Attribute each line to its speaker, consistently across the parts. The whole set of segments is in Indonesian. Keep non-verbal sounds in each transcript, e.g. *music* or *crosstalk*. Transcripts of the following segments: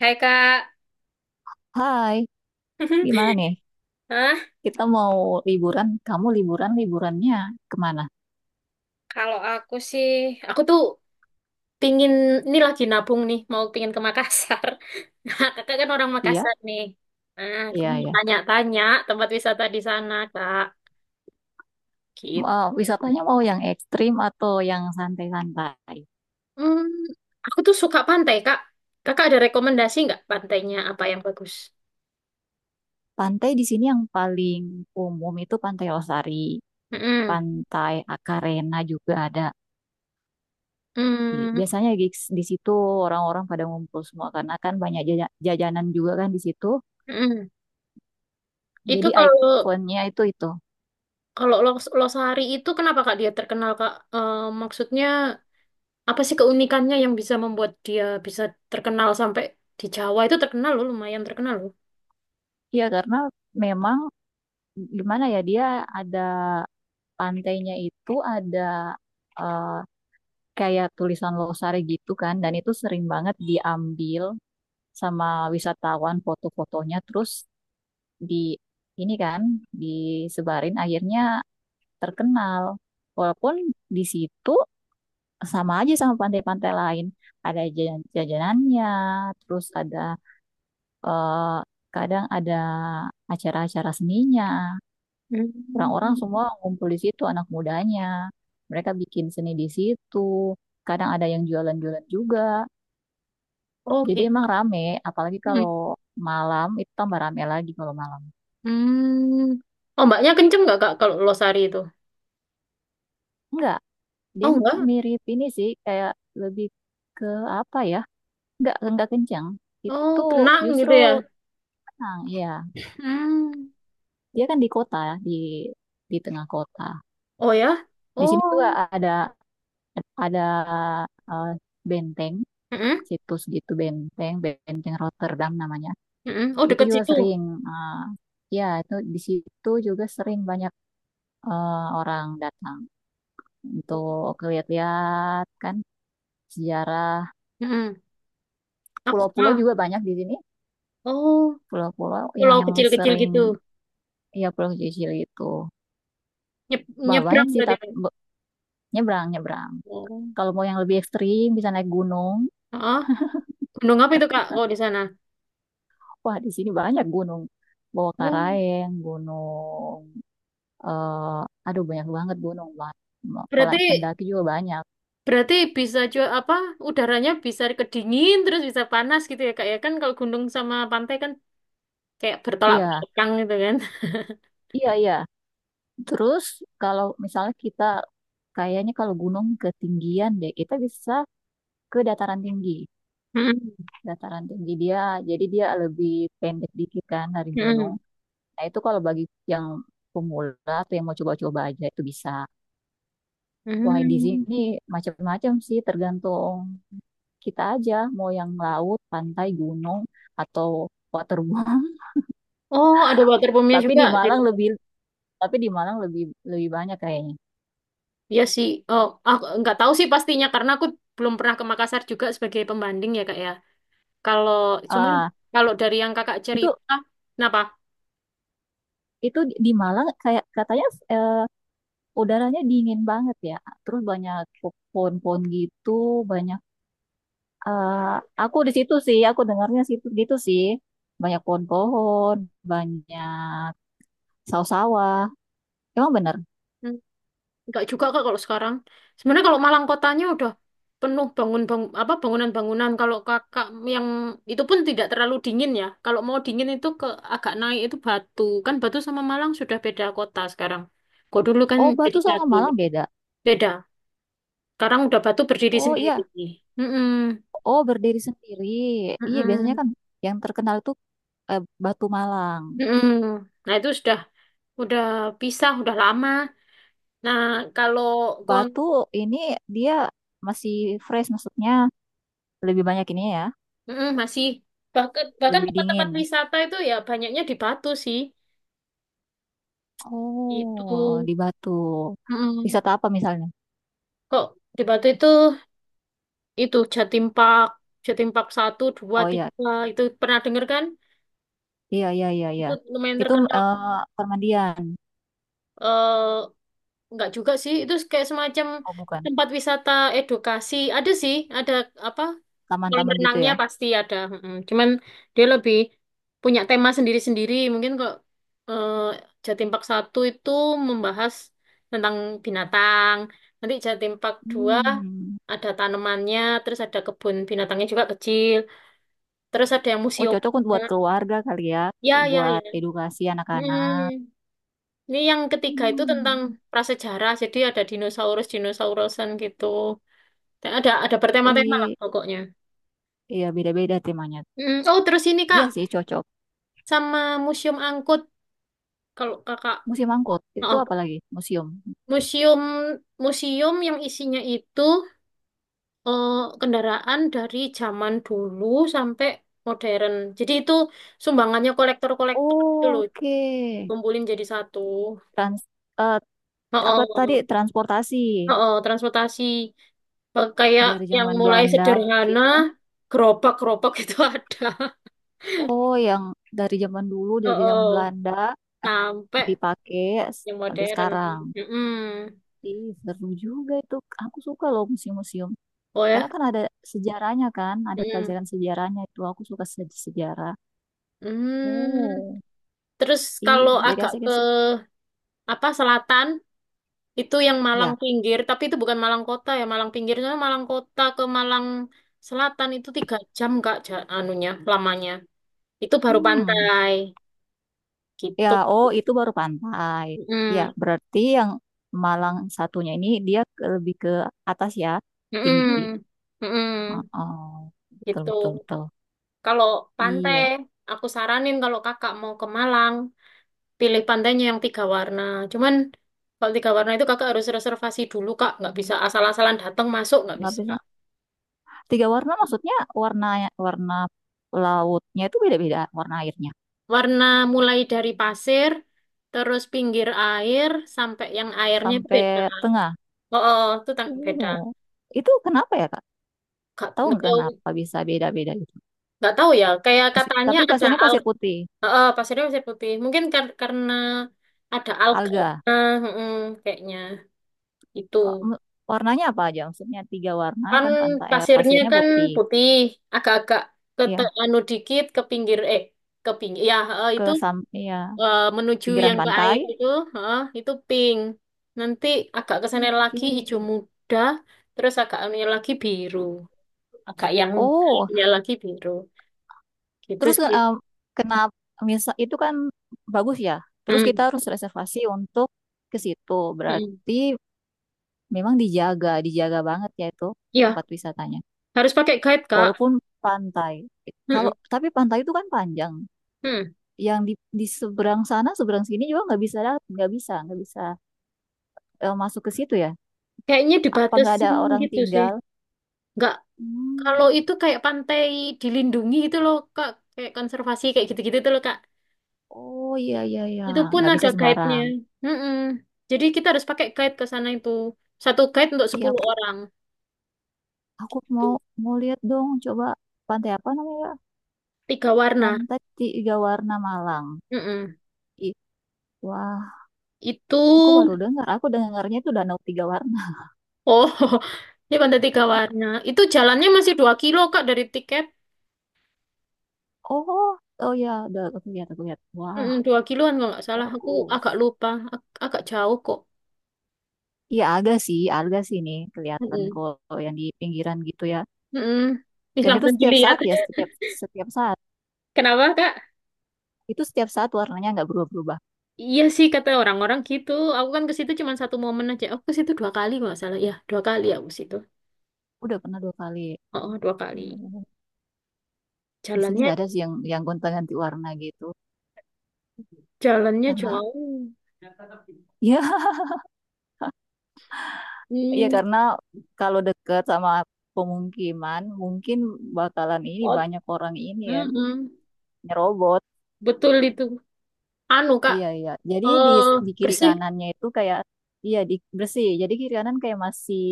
Speaker 1: Hai, Kak.
Speaker 2: Hai,
Speaker 1: *laughs*
Speaker 2: gimana nih?
Speaker 1: Hah?
Speaker 2: Kita mau liburan. Kamu liburan, liburannya kemana?
Speaker 1: Kalau aku sih, aku tuh pingin, ini lagi nabung nih, mau pingin ke Makassar. *laughs* Nah, kakak kan orang
Speaker 2: Iya,
Speaker 1: Makassar nih. Nah, aku
Speaker 2: iya,
Speaker 1: mau
Speaker 2: iya.
Speaker 1: tanya-tanya tempat wisata di sana, Kak. Gitu.
Speaker 2: Eh, wisatanya mau yang ekstrim atau yang santai-santai?
Speaker 1: Hmm, aku tuh suka pantai, Kak. Kakak ada rekomendasi nggak pantainya apa yang bagus?
Speaker 2: Pantai di sini yang paling umum itu Pantai Losari,
Speaker 1: Mm-mm.
Speaker 2: Pantai Akarena juga ada.
Speaker 1: Hmm,
Speaker 2: Biasanya di situ orang-orang pada ngumpul semua karena kan banyak jajanan juga kan di situ.
Speaker 1: mm-mm. Itu
Speaker 2: Jadi
Speaker 1: kalau
Speaker 2: ikonnya itu itu.
Speaker 1: kalau Losari itu kenapa, Kak, dia terkenal, Kak? Eh, maksudnya apa sih keunikannya yang bisa membuat dia bisa terkenal sampai di Jawa itu terkenal loh, lumayan terkenal loh.
Speaker 2: Iya, karena memang gimana ya dia ada pantainya itu ada eh, kayak tulisan Losari gitu kan, dan itu sering banget diambil sama wisatawan foto-fotonya, terus di ini kan disebarin akhirnya terkenal. Walaupun di situ sama aja sama pantai-pantai lain, ada jajanannya, terus eh, kadang ada acara-acara seninya. Orang-orang
Speaker 1: Hmm.
Speaker 2: semua ngumpul di situ anak mudanya. Mereka bikin seni di situ. Kadang ada yang jualan-jualan juga.
Speaker 1: Oh,
Speaker 2: Jadi
Speaker 1: gitu.
Speaker 2: emang rame, apalagi kalau
Speaker 1: Hmm.
Speaker 2: malam itu tambah rame lagi kalau malam.
Speaker 1: Hmm. Oh, mbaknya kenceng nggak, Kak, kalau Losari itu?
Speaker 2: Enggak, dia
Speaker 1: Oh, enggak.
Speaker 2: mirip ini sih kayak lebih ke apa ya? Enggak kencang.
Speaker 1: Oh,
Speaker 2: Itu
Speaker 1: tenang
Speaker 2: justru
Speaker 1: gitu ya.
Speaker 2: tenang, ya.
Speaker 1: Hmm.
Speaker 2: Dia kan di kota, ya, di tengah kota.
Speaker 1: Oh, ya.
Speaker 2: Di sini juga
Speaker 1: Oh.
Speaker 2: ada ada eh, benteng,
Speaker 1: Mm-mm.
Speaker 2: situs gitu benteng Rotterdam namanya.
Speaker 1: Mm-mm. Oh,
Speaker 2: Itu
Speaker 1: deket
Speaker 2: juga
Speaker 1: situ.
Speaker 2: sering. eh, Ya, itu di situ juga sering banyak orang datang untuk lihat-lihat kan sejarah.
Speaker 1: Mm-mm. Aku
Speaker 2: Pulau-pulau
Speaker 1: ah.
Speaker 2: juga banyak di sini.
Speaker 1: Oh,
Speaker 2: Pulau-pulau
Speaker 1: pulau
Speaker 2: yang
Speaker 1: kecil-kecil
Speaker 2: sering,
Speaker 1: gitu.
Speaker 2: ya Pulau Sicili itu. Bah, banyak
Speaker 1: Nyebrang
Speaker 2: sih,
Speaker 1: berarti.
Speaker 2: nyebrang, nyebrang.
Speaker 1: Oh.
Speaker 2: Kalau mau yang lebih ekstrim, bisa naik gunung.
Speaker 1: Ah, gunung apa itu, Kak, kalau di sana?
Speaker 2: Wah, di sini banyak gunung. Bawah
Speaker 1: Oh.
Speaker 2: Karaeng, gunung. eh Aduh, banyak banget gunung. Bah.
Speaker 1: Berarti
Speaker 2: Pendaki juga banyak.
Speaker 1: Berarti bisa juga apa udaranya bisa kedingin terus bisa panas gitu ya, Kak, ya kan, kalau gunung sama pantai kan kayak bertolak
Speaker 2: Iya,
Speaker 1: belakang gitu kan.
Speaker 2: iya, iya. Terus kalau misalnya kita kayaknya kalau gunung ketinggian deh, kita bisa ke dataran tinggi.
Speaker 1: Mm-mm.
Speaker 2: Dataran tinggi dia, jadi dia lebih pendek dikit kan dari gunung.
Speaker 1: Mm-mm.
Speaker 2: Nah itu kalau bagi yang pemula atau yang mau coba-coba aja itu bisa. Wah di
Speaker 1: Mm.
Speaker 2: sini macam-macam sih tergantung kita aja mau yang laut, pantai, gunung atau waterboom.
Speaker 1: Oh, ada water
Speaker 2: *laughs*
Speaker 1: pumpnya
Speaker 2: Tapi
Speaker 1: juga
Speaker 2: di
Speaker 1: di
Speaker 2: Malang
Speaker 1: situ.
Speaker 2: lebih tapi di Malang lebih lebih banyak kayaknya.
Speaker 1: Iya sih. Oh, aku nggak tahu sih pastinya karena aku belum pernah ke Makassar juga sebagai pembanding ya, Kak, ya. Kalau cuman
Speaker 2: Ah,
Speaker 1: kalau dari yang Kakak
Speaker 2: itu
Speaker 1: cerita, kenapa?
Speaker 2: itu di Malang kayak katanya eh, udaranya dingin banget ya. Terus banyak pohon-pohon gitu, banyak eh, aku di situ sih, aku dengarnya situ gitu sih. Banyak pohon-pohon, banyak sawah-sawah. Emang bener.
Speaker 1: Enggak juga, Kak, kalau sekarang. Sebenarnya kalau Malang kotanya udah penuh apa bangunan-bangunan. Kalau Kakak yang itu pun tidak terlalu dingin ya. Kalau mau dingin itu ke agak naik itu Batu. Kan Batu sama Malang sudah beda kota sekarang. Kok dulu kan
Speaker 2: Oh,
Speaker 1: jadi
Speaker 2: Batu sama
Speaker 1: satu.
Speaker 2: Malang beda.
Speaker 1: Beda. Sekarang udah Batu berdiri
Speaker 2: Oh
Speaker 1: sendiri.
Speaker 2: iya,
Speaker 1: Mm-mm.
Speaker 2: oh berdiri sendiri. Iya, biasanya
Speaker 1: Mm-mm.
Speaker 2: kan yang terkenal itu Batu Malang.
Speaker 1: Mm-mm. Nah, itu sudah udah pisah, udah lama. Nah, kalau kon
Speaker 2: Batu ini dia masih fresh maksudnya lebih banyak ini ya,
Speaker 1: mm-mm, masih bahkan bahkan
Speaker 2: lebih
Speaker 1: tempat-tempat
Speaker 2: dingin.
Speaker 1: wisata itu ya banyaknya di Batu sih. Itu
Speaker 2: Oh, di Batu.
Speaker 1: mm,
Speaker 2: Wisata apa misalnya?
Speaker 1: kok Debato itu Jatim Park, Jatim Park 1, 2,
Speaker 2: Oh iya,
Speaker 1: 3 itu pernah denger kan?
Speaker 2: iya, iya, iya, iya.
Speaker 1: Itu lumayan
Speaker 2: Itu
Speaker 1: terkenal
Speaker 2: permandian.
Speaker 1: eh nggak juga sih, itu kayak semacam
Speaker 2: Oh bukan,
Speaker 1: tempat wisata edukasi. Ada sih, ada apa? Kolam
Speaker 2: taman-taman gitu
Speaker 1: renangnya
Speaker 2: ya.
Speaker 1: pasti ada, cuman dia lebih punya tema sendiri-sendiri. Mungkin kok eh, Jatim Park 1 itu membahas tentang binatang. Nanti Jatim Park 2
Speaker 2: Hmm.
Speaker 1: ada tanamannya, terus ada kebun binatangnya juga kecil. Terus ada yang
Speaker 2: Oh
Speaker 1: museum.
Speaker 2: cocok untuk buat keluarga kali ya,
Speaker 1: Ya, ya, ya.
Speaker 2: buat edukasi anak-anak.
Speaker 1: Mm. Ini yang ketiga itu tentang
Speaker 2: Hmm.
Speaker 1: prasejarah. Jadi ada dinosaurus-dinosaurusan gitu. Ada
Speaker 2: Oh
Speaker 1: bertema-tema lah
Speaker 2: iya,
Speaker 1: pokoknya.
Speaker 2: iya beda-beda temanya.
Speaker 1: Mm. Oh, terus ini,
Speaker 2: Iya
Speaker 1: Kak,
Speaker 2: sih cocok.
Speaker 1: sama Museum Angkut. Kalau kakak,
Speaker 2: Museum angkut itu
Speaker 1: oh,
Speaker 2: apa lagi? Museum.
Speaker 1: museum museum yang isinya itu eh, kendaraan dari zaman dulu sampai modern. Jadi itu sumbangannya kolektor-kolektor itu
Speaker 2: Oh,
Speaker 1: loh,
Speaker 2: oke.
Speaker 1: dikumpulin jadi satu.
Speaker 2: Trans, eh,
Speaker 1: Oh,
Speaker 2: Apa tadi
Speaker 1: oh,
Speaker 2: transportasi
Speaker 1: oh, oh, transportasi. Eh, kayak
Speaker 2: dari
Speaker 1: yang
Speaker 2: zaman
Speaker 1: mulai
Speaker 2: Belanda mungkin
Speaker 1: sederhana,
Speaker 2: ya?
Speaker 1: gerobak-gerobak *laughs* itu ada.
Speaker 2: Oh, yang dari zaman dulu,
Speaker 1: Oh,
Speaker 2: dari zaman
Speaker 1: oh,
Speaker 2: Belanda eh,
Speaker 1: sampai
Speaker 2: dipakai
Speaker 1: yang
Speaker 2: sampai
Speaker 1: modern.
Speaker 2: sekarang.
Speaker 1: Mm-mm.
Speaker 2: Ih, seru juga itu. Aku suka loh museum-museum.
Speaker 1: Oh,
Speaker 2: Karena
Speaker 1: ya.
Speaker 2: kan ada sejarahnya kan, ada
Speaker 1: Mm-mm.
Speaker 2: pelajaran sejarahnya itu. Aku suka sejarah.
Speaker 1: Hmm.
Speaker 2: Oh,
Speaker 1: Terus
Speaker 2: iya,
Speaker 1: kalau
Speaker 2: asik-asik.
Speaker 1: agak
Speaker 2: Asik.
Speaker 1: ke
Speaker 2: Asik.
Speaker 1: apa selatan, itu yang Malang
Speaker 2: Ya,
Speaker 1: pinggir, tapi itu bukan Malang kota ya, Malang pinggir soalnya Malang kota ke Malang Selatan itu 3 jam, Kak, anunya lamanya. Itu baru
Speaker 2: hmm,
Speaker 1: pantai
Speaker 2: ya.
Speaker 1: gitu.
Speaker 2: Oh, itu baru pantai. Ya,
Speaker 1: Mm.
Speaker 2: berarti yang Malang satunya ini dia lebih ke atas ya, tinggi.
Speaker 1: Mm-mm. Mm-mm.
Speaker 2: Oh, betul,
Speaker 1: Gitu.
Speaker 2: betul, betul.
Speaker 1: Kalau pantai,
Speaker 2: Iya,
Speaker 1: aku saranin kalau kakak mau ke Malang, pilih pantainya yang tiga warna. Cuman kalau tiga warna itu kakak harus reservasi dulu, Kak, nggak bisa asal-asalan datang masuk nggak
Speaker 2: nggak
Speaker 1: bisa.
Speaker 2: bisa. Tiga warna maksudnya warna warna lautnya itu beda-beda warna airnya
Speaker 1: Warna mulai dari pasir, terus pinggir air, sampai yang airnya itu beda.
Speaker 2: sampai tengah.
Speaker 1: Oh, oh oh, itu tang beda.
Speaker 2: Oh, itu kenapa ya Kak?
Speaker 1: Gak,
Speaker 2: Tahu nggak kenapa bisa beda-beda gitu?
Speaker 1: nggak tahu ya. Kayak katanya
Speaker 2: Tapi
Speaker 1: ada
Speaker 2: pasirnya pasir
Speaker 1: alga.
Speaker 2: putih,
Speaker 1: Oh, oh, pasirnya pasir putih. Mungkin karena ada alga.
Speaker 2: alga.
Speaker 1: Nah, mm-mm, kayaknya
Speaker 2: Eh,
Speaker 1: itu.
Speaker 2: m- Warnanya apa aja? Maksudnya tiga warna
Speaker 1: Kan
Speaker 2: kan pantai
Speaker 1: pasirnya
Speaker 2: pasirnya
Speaker 1: kan
Speaker 2: putih.
Speaker 1: putih, agak-agak ke
Speaker 2: Ya,
Speaker 1: anu dikit ke pinggir. Ya, oh,
Speaker 2: ke
Speaker 1: itu
Speaker 2: sam ya
Speaker 1: menuju
Speaker 2: pinggiran
Speaker 1: yang ke
Speaker 2: pantai.
Speaker 1: air itu, heeh, itu pink. Nanti agak ke sana lagi
Speaker 2: Oke.
Speaker 1: hijau muda, terus agak yang
Speaker 2: Oh,
Speaker 1: anunya lagi biru, gitu
Speaker 2: terus
Speaker 1: sih.
Speaker 2: kenapa misal itu kan bagus ya. Terus kita
Speaker 1: Hmm,
Speaker 2: harus reservasi untuk ke situ.
Speaker 1: hmm.
Speaker 2: Berarti memang dijaga, dijaga banget ya itu
Speaker 1: Ya,
Speaker 2: tempat wisatanya.
Speaker 1: harus pakai guide, Kak.
Speaker 2: Walaupun pantai.
Speaker 1: Hmm,
Speaker 2: Kalau tapi pantai itu kan panjang.
Speaker 1: hmm.
Speaker 2: Yang di seberang sana, seberang sini juga nggak bisa, nggak bisa, nggak bisa masuk ke situ ya.
Speaker 1: Kayaknya
Speaker 2: Apa nggak ada
Speaker 1: dibatasin
Speaker 2: orang
Speaker 1: gitu sih.
Speaker 2: tinggal?
Speaker 1: Nggak, kalau
Speaker 2: Hmm.
Speaker 1: itu kayak pantai dilindungi gitu loh, Kak, kayak konservasi kayak gitu-gitu tuh loh, Kak.
Speaker 2: Oh iya iya iya,
Speaker 1: Itu pun
Speaker 2: nggak
Speaker 1: ada
Speaker 2: bisa
Speaker 1: guide-nya.
Speaker 2: sembarang.
Speaker 1: Hmm, hmm. Jadi kita harus pakai guide ke sana itu. Satu guide untuk
Speaker 2: Iya
Speaker 1: 10
Speaker 2: aku
Speaker 1: orang.
Speaker 2: aku mau mau lihat dong, coba pantai apa namanya?
Speaker 1: Tiga warna.
Speaker 2: Pantai Tiga Warna Malang.
Speaker 1: Mm-mm.
Speaker 2: Ih, wah,
Speaker 1: Itu,
Speaker 2: aku baru dengar. Aku dengarnya itu Danau Tiga Warna.
Speaker 1: oh, *laughs* ini pantai tiga warna. Itu jalannya masih 2 kilo, Kak, dari tiket.
Speaker 2: Oh, oh ya, udah aku lihat, aku lihat. Wah,
Speaker 1: Mm-mm, 2 kiloan kalau nggak salah. Aku
Speaker 2: bagus.
Speaker 1: agak lupa. Agak jauh kok.
Speaker 2: Iya, ada sih nih kelihatan
Speaker 1: Mm-mm.
Speaker 2: kalau yang di pinggiran gitu ya.
Speaker 1: Mm-mm. Ih,
Speaker 2: Dan itu
Speaker 1: langsung
Speaker 2: setiap
Speaker 1: dilihat.
Speaker 2: saat ya,
Speaker 1: *laughs*
Speaker 2: setiap setiap saat.
Speaker 1: Kenapa, Kak?
Speaker 2: Itu setiap saat warnanya nggak berubah-berubah.
Speaker 1: Iya sih, kata orang-orang gitu. Aku kan ke situ cuma satu momen aja. Aku ke situ 2 kali kalau nggak salah. Ya, 2 kali aku ke situ.
Speaker 2: Udah pernah dua kali.
Speaker 1: Oh, oh, 2 kali.
Speaker 2: Hmm. Di sini
Speaker 1: Jalannya,
Speaker 2: nggak ada sih yang gonta-ganti warna gitu.
Speaker 1: jalannya
Speaker 2: Karena
Speaker 1: jauh.
Speaker 2: *laughs* ya, ya
Speaker 1: Hmm.
Speaker 2: karena kalau dekat sama pemukiman mungkin bakalan ini
Speaker 1: Oh,
Speaker 2: banyak orang ini kan
Speaker 1: mm-mm.
Speaker 2: nyerobot.
Speaker 1: Betul itu. Anu, Kak,
Speaker 2: Iya, iya. Jadi di,
Speaker 1: eh
Speaker 2: di kiri
Speaker 1: bersih,
Speaker 2: kanannya itu kayak, iya, bersih. Jadi kiri kanan kayak masih,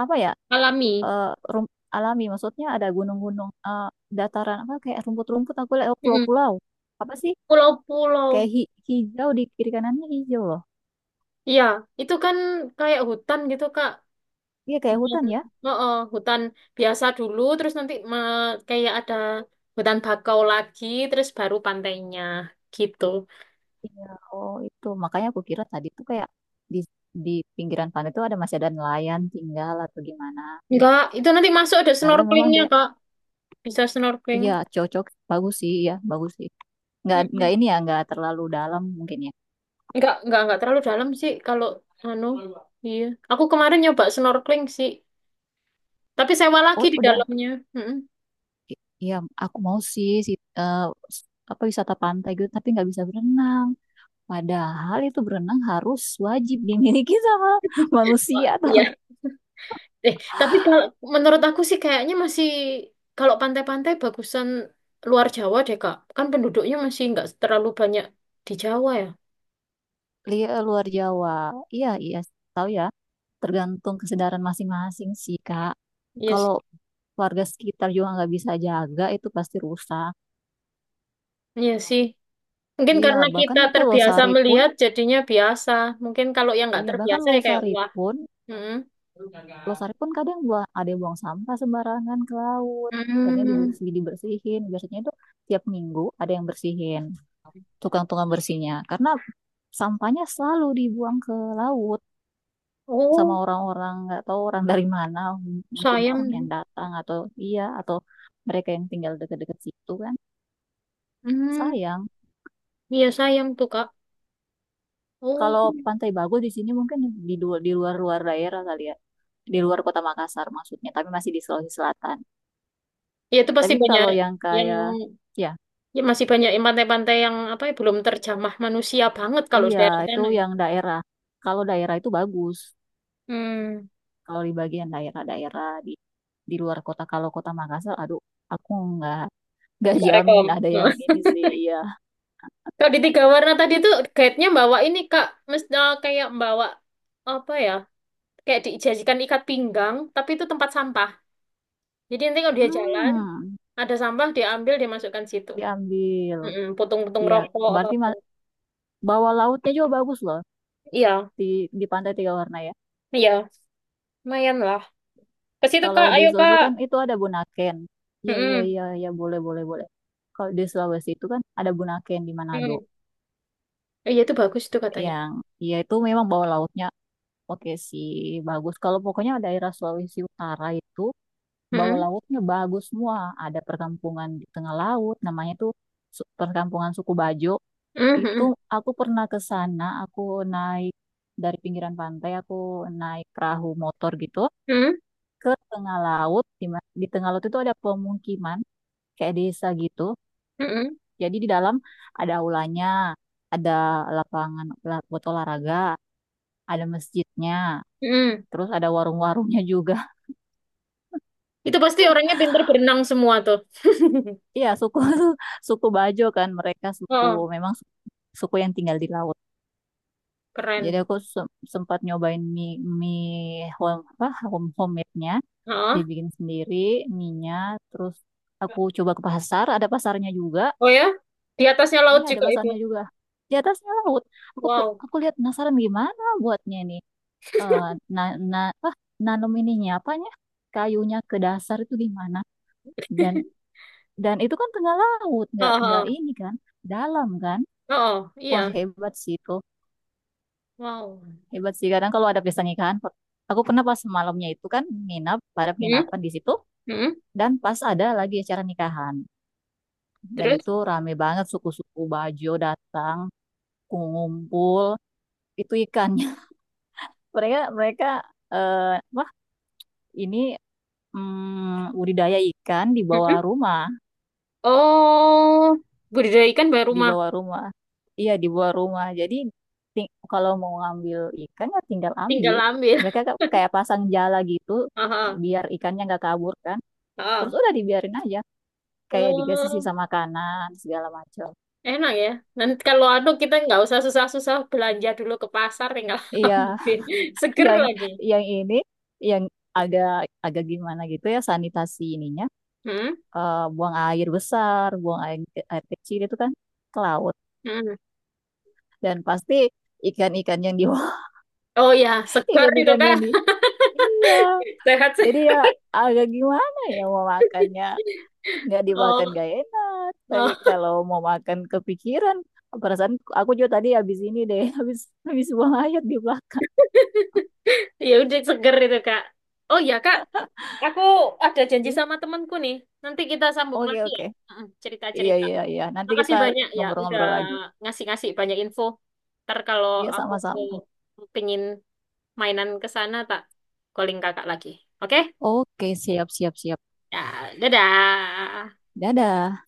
Speaker 2: apa ya,
Speaker 1: alami.
Speaker 2: eh, alami. Maksudnya ada gunung-gunung, dataran, apa, kayak rumput-rumput, aku lihat oh,
Speaker 1: Mm-mm.
Speaker 2: pulau-pulau. Apa sih? Kayak
Speaker 1: Pulau-pulau.
Speaker 2: hijau di kiri kanannya hijau loh.
Speaker 1: Iya, itu kan kayak hutan gitu, Kak.
Speaker 2: Iya, kayak
Speaker 1: Hutan,
Speaker 2: hutan ya.
Speaker 1: oh, oh, hutan biasa dulu, terus nanti kayak ada hutan bakau lagi, terus baru pantainya gitu.
Speaker 2: Iya, oh itu. Makanya aku kira tadi tuh kayak di, di pinggiran pantai itu ada masih ada nelayan tinggal atau gimana.
Speaker 1: Enggak, itu nanti masuk ada
Speaker 2: Nah, ternyata memang
Speaker 1: snorkelingnya,
Speaker 2: deh,
Speaker 1: Kak. Bisa snorkeling.
Speaker 2: iya cocok, bagus sih, ya bagus sih. Nggak
Speaker 1: Mm-mm.
Speaker 2: ini ya, nggak terlalu dalam mungkin ya.
Speaker 1: Enggak terlalu dalam sih kalau anu. Iya, aku kemarin nyoba snorkeling sih, tapi sewa lagi
Speaker 2: Oh
Speaker 1: di
Speaker 2: udah.
Speaker 1: dalamnya. Mm-mm.
Speaker 2: Iya aku mau sih eh, s- apa wisata pantai gitu tapi nggak bisa berenang, padahal itu berenang harus wajib dimiliki *laughs* sama
Speaker 1: Wah,
Speaker 2: manusia atau
Speaker 1: iya. Tapi kalau menurut aku sih kayaknya masih kalau pantai-pantai bagusan luar Jawa deh, Kak. Kan penduduknya masih nggak terlalu banyak di Jawa ya.
Speaker 2: luar Jawa. Iya iya tahu ya, tergantung kesedaran masing-masing sih kak.
Speaker 1: Iya sih.
Speaker 2: Kalau warga sekitar juga nggak bisa jaga itu pasti rusak.
Speaker 1: Iya sih. Mungkin
Speaker 2: Iya
Speaker 1: karena
Speaker 2: bahkan
Speaker 1: kita
Speaker 2: itu
Speaker 1: terbiasa
Speaker 2: losari pun,
Speaker 1: melihat jadinya biasa. Mungkin kalau yang nggak
Speaker 2: iya bahkan
Speaker 1: terbiasa ya kayak
Speaker 2: losari
Speaker 1: wah.
Speaker 2: pun,
Speaker 1: Hmm.
Speaker 2: Lestari pun kadang buang, ada yang buang sampah sembarangan ke laut. Akhirnya
Speaker 1: Hmm.
Speaker 2: dibersihin. Biasanya itu tiap minggu ada yang bersihin. Tukang-tukang bersihnya. Karena sampahnya selalu dibuang ke laut sama
Speaker 1: Oh,
Speaker 2: orang-orang nggak tahu orang dari mana. Mungkin
Speaker 1: sayang.
Speaker 2: orang yang datang atau iya atau mereka yang tinggal dekat-dekat situ kan.
Speaker 1: Hmm.
Speaker 2: Sayang.
Speaker 1: Iya sayang tuh, Kak. Oh.
Speaker 2: Kalau pantai bagus di sini mungkin di luar-luar daerah kali ya. Di luar kota Makassar maksudnya, tapi masih di Sulawesi Selatan.
Speaker 1: Ya itu pasti
Speaker 2: Tapi
Speaker 1: banyak
Speaker 2: kalau yang
Speaker 1: yang
Speaker 2: kayak ya.
Speaker 1: ya masih banyak yang pantai-pantai yang apa ya belum terjamah manusia banget kalau
Speaker 2: Iya,
Speaker 1: daerah
Speaker 2: itu
Speaker 1: sana ya.
Speaker 2: yang daerah. Kalau daerah itu bagus.
Speaker 1: Hmm.
Speaker 2: Kalau di bagian daerah-daerah di luar kota, kalau kota Makassar, aduh, aku nggak *laughs* nggak
Speaker 1: Nggak
Speaker 2: jamin
Speaker 1: rekom.
Speaker 2: ada
Speaker 1: *laughs*
Speaker 2: yang ini sih. Iya,
Speaker 1: Kalau di tiga warna tadi tuh guide-nya bawa ini, Kak, mesti kayak bawa apa ya? Kayak dijajikan ikat pinggang, tapi itu tempat sampah. Jadi nanti kalau dia jalan,
Speaker 2: hmm,
Speaker 1: ada sampah diambil dimasukkan situ.
Speaker 2: diambil.
Speaker 1: Mm-mm, putung-putung
Speaker 2: Iya,
Speaker 1: rokok apa
Speaker 2: berarti
Speaker 1: apa.
Speaker 2: bawah lautnya juga bagus loh
Speaker 1: Iya,
Speaker 2: di di Pantai Tiga Warna ya.
Speaker 1: iya, lumayan lah. Ke situ,
Speaker 2: Kalau
Speaker 1: Kak,
Speaker 2: di
Speaker 1: ayo,
Speaker 2: Sulawesi
Speaker 1: Kak.
Speaker 2: kan itu ada Bunaken. Iya, iya,
Speaker 1: Mm-mm,
Speaker 2: iya, iya, boleh, boleh, boleh. Kalau di Sulawesi itu kan ada Bunaken di Manado
Speaker 1: mm-mm. Oh, iya itu bagus itu katanya.
Speaker 2: yang ya itu memang bawah lautnya oke sih, bagus. Kalau pokoknya daerah Sulawesi Utara itu bawah
Speaker 1: Mm-mm,
Speaker 2: lautnya bagus semua. Ada perkampungan di tengah laut, namanya tuh perkampungan suku Bajo.
Speaker 1: mm-mm,
Speaker 2: Itu
Speaker 1: mm-mm,
Speaker 2: aku pernah ke sana, aku naik dari pinggiran pantai, aku naik perahu motor gitu
Speaker 1: mm-mm,
Speaker 2: ke tengah laut. Di tengah laut itu ada pemukiman kayak desa gitu.
Speaker 1: mm-mm,
Speaker 2: Jadi di dalam ada aulanya, ada lapangan buat olahraga, ada masjidnya,
Speaker 1: mm-mm.
Speaker 2: terus ada warung-warungnya juga.
Speaker 1: Itu pasti orangnya pinter berenang semua tuh. *laughs*
Speaker 2: Iya, suku *laughs* suku Bajo kan mereka suku
Speaker 1: Oh,
Speaker 2: memang suku yang tinggal di laut. Jadi
Speaker 1: keren.
Speaker 2: aku sempat nyobain mie mie home homemade-nya,
Speaker 1: Oh.
Speaker 2: dibikin sendiri mie-nya, terus aku coba ke pasar, ada pasarnya juga.
Speaker 1: Oh ya, di atasnya laut
Speaker 2: Iya, ada
Speaker 1: juga itu.
Speaker 2: pasarnya juga. Di atasnya laut. Aku
Speaker 1: Wow.
Speaker 2: aku lihat penasaran gimana buatnya ini. Eh na, na, apa nanam ininya apanya? Kayunya ke dasar itu gimana? Dan
Speaker 1: *laughs*
Speaker 2: dan itu kan tengah laut,
Speaker 1: Oh,
Speaker 2: nggak
Speaker 1: oh,
Speaker 2: ini kan, dalam kan.
Speaker 1: oh, oh,
Speaker 2: Wah
Speaker 1: iya.
Speaker 2: hebat sih itu,
Speaker 1: Wow.
Speaker 2: hebat sih. Kadang kalau ada pesta nikahan, aku pernah pas malamnya itu kan nginap pada
Speaker 1: Hmm,
Speaker 2: penginapan di situ,
Speaker 1: hmm,
Speaker 2: dan pas ada lagi acara nikahan, dan
Speaker 1: terus?
Speaker 2: itu rame banget suku-suku Bajo datang, ngumpul, itu ikannya. *laughs* Mereka mereka eh, wah ini budidaya ikan di bawah
Speaker 1: Hmm.
Speaker 2: rumah.
Speaker 1: Oh, budidaya ikan baru
Speaker 2: Di
Speaker 1: rumah.
Speaker 2: bawah rumah. Iya, di bawah rumah. Jadi kalau mau ngambil ikan ya tinggal
Speaker 1: Tinggal
Speaker 2: ambil.
Speaker 1: ambil.
Speaker 2: Mereka kayak pasang jala gitu
Speaker 1: *laughs* Oh, oh,
Speaker 2: biar ikannya nggak kabur kan. Terus
Speaker 1: oh.
Speaker 2: udah dibiarin aja kayak dikasih
Speaker 1: Oh,
Speaker 2: sisa makanan segala macam.
Speaker 1: enak ya. Nanti kalau anu kita nggak usah susah-susah belanja dulu ke pasar, tinggal *laughs*
Speaker 2: Iya,
Speaker 1: ambil.
Speaker 2: *laughs*
Speaker 1: Seger
Speaker 2: yang
Speaker 1: lagi.
Speaker 2: yang ini yang agak agak gimana gitu ya sanitasi ininya.
Speaker 1: Hmm,
Speaker 2: Buang air besar, buang air, air kecil itu kan ke laut
Speaker 1: hmm.
Speaker 2: dan pasti ikan-ikan yang di
Speaker 1: Oh ya,
Speaker 2: *laughs*
Speaker 1: seger itu,
Speaker 2: ikan-ikan
Speaker 1: Kak.
Speaker 2: yang di. Iya,
Speaker 1: *laughs* Sehat sih.
Speaker 2: jadi ya agak gimana ya mau makannya. Nggak dimakan
Speaker 1: Oh,
Speaker 2: gak enak. Tapi
Speaker 1: oh,
Speaker 2: kalau mau makan kepikiran, perasaan aku juga tadi habis ini deh, *laughs* habis habis buang air di belakang.
Speaker 1: ya udah seger itu, Kak. Oh ya, Kak. Aku ada janji sama temanku nih. Nanti kita sambung
Speaker 2: Oke
Speaker 1: lagi ya.
Speaker 2: oke.
Speaker 1: Heeh,
Speaker 2: Iya
Speaker 1: cerita-cerita.
Speaker 2: iya iya. Nanti kita
Speaker 1: Makasih banyak ya udah
Speaker 2: ngobrol-ngobrol lagi.
Speaker 1: ngasih-ngasih banyak info. Ntar kalau
Speaker 2: Iya
Speaker 1: aku
Speaker 2: sama-sama.
Speaker 1: pengin mainan ke sana tak calling kakak lagi. Oke?
Speaker 2: Oke siap siap siap.
Speaker 1: Ya, dadah.
Speaker 2: Dadah.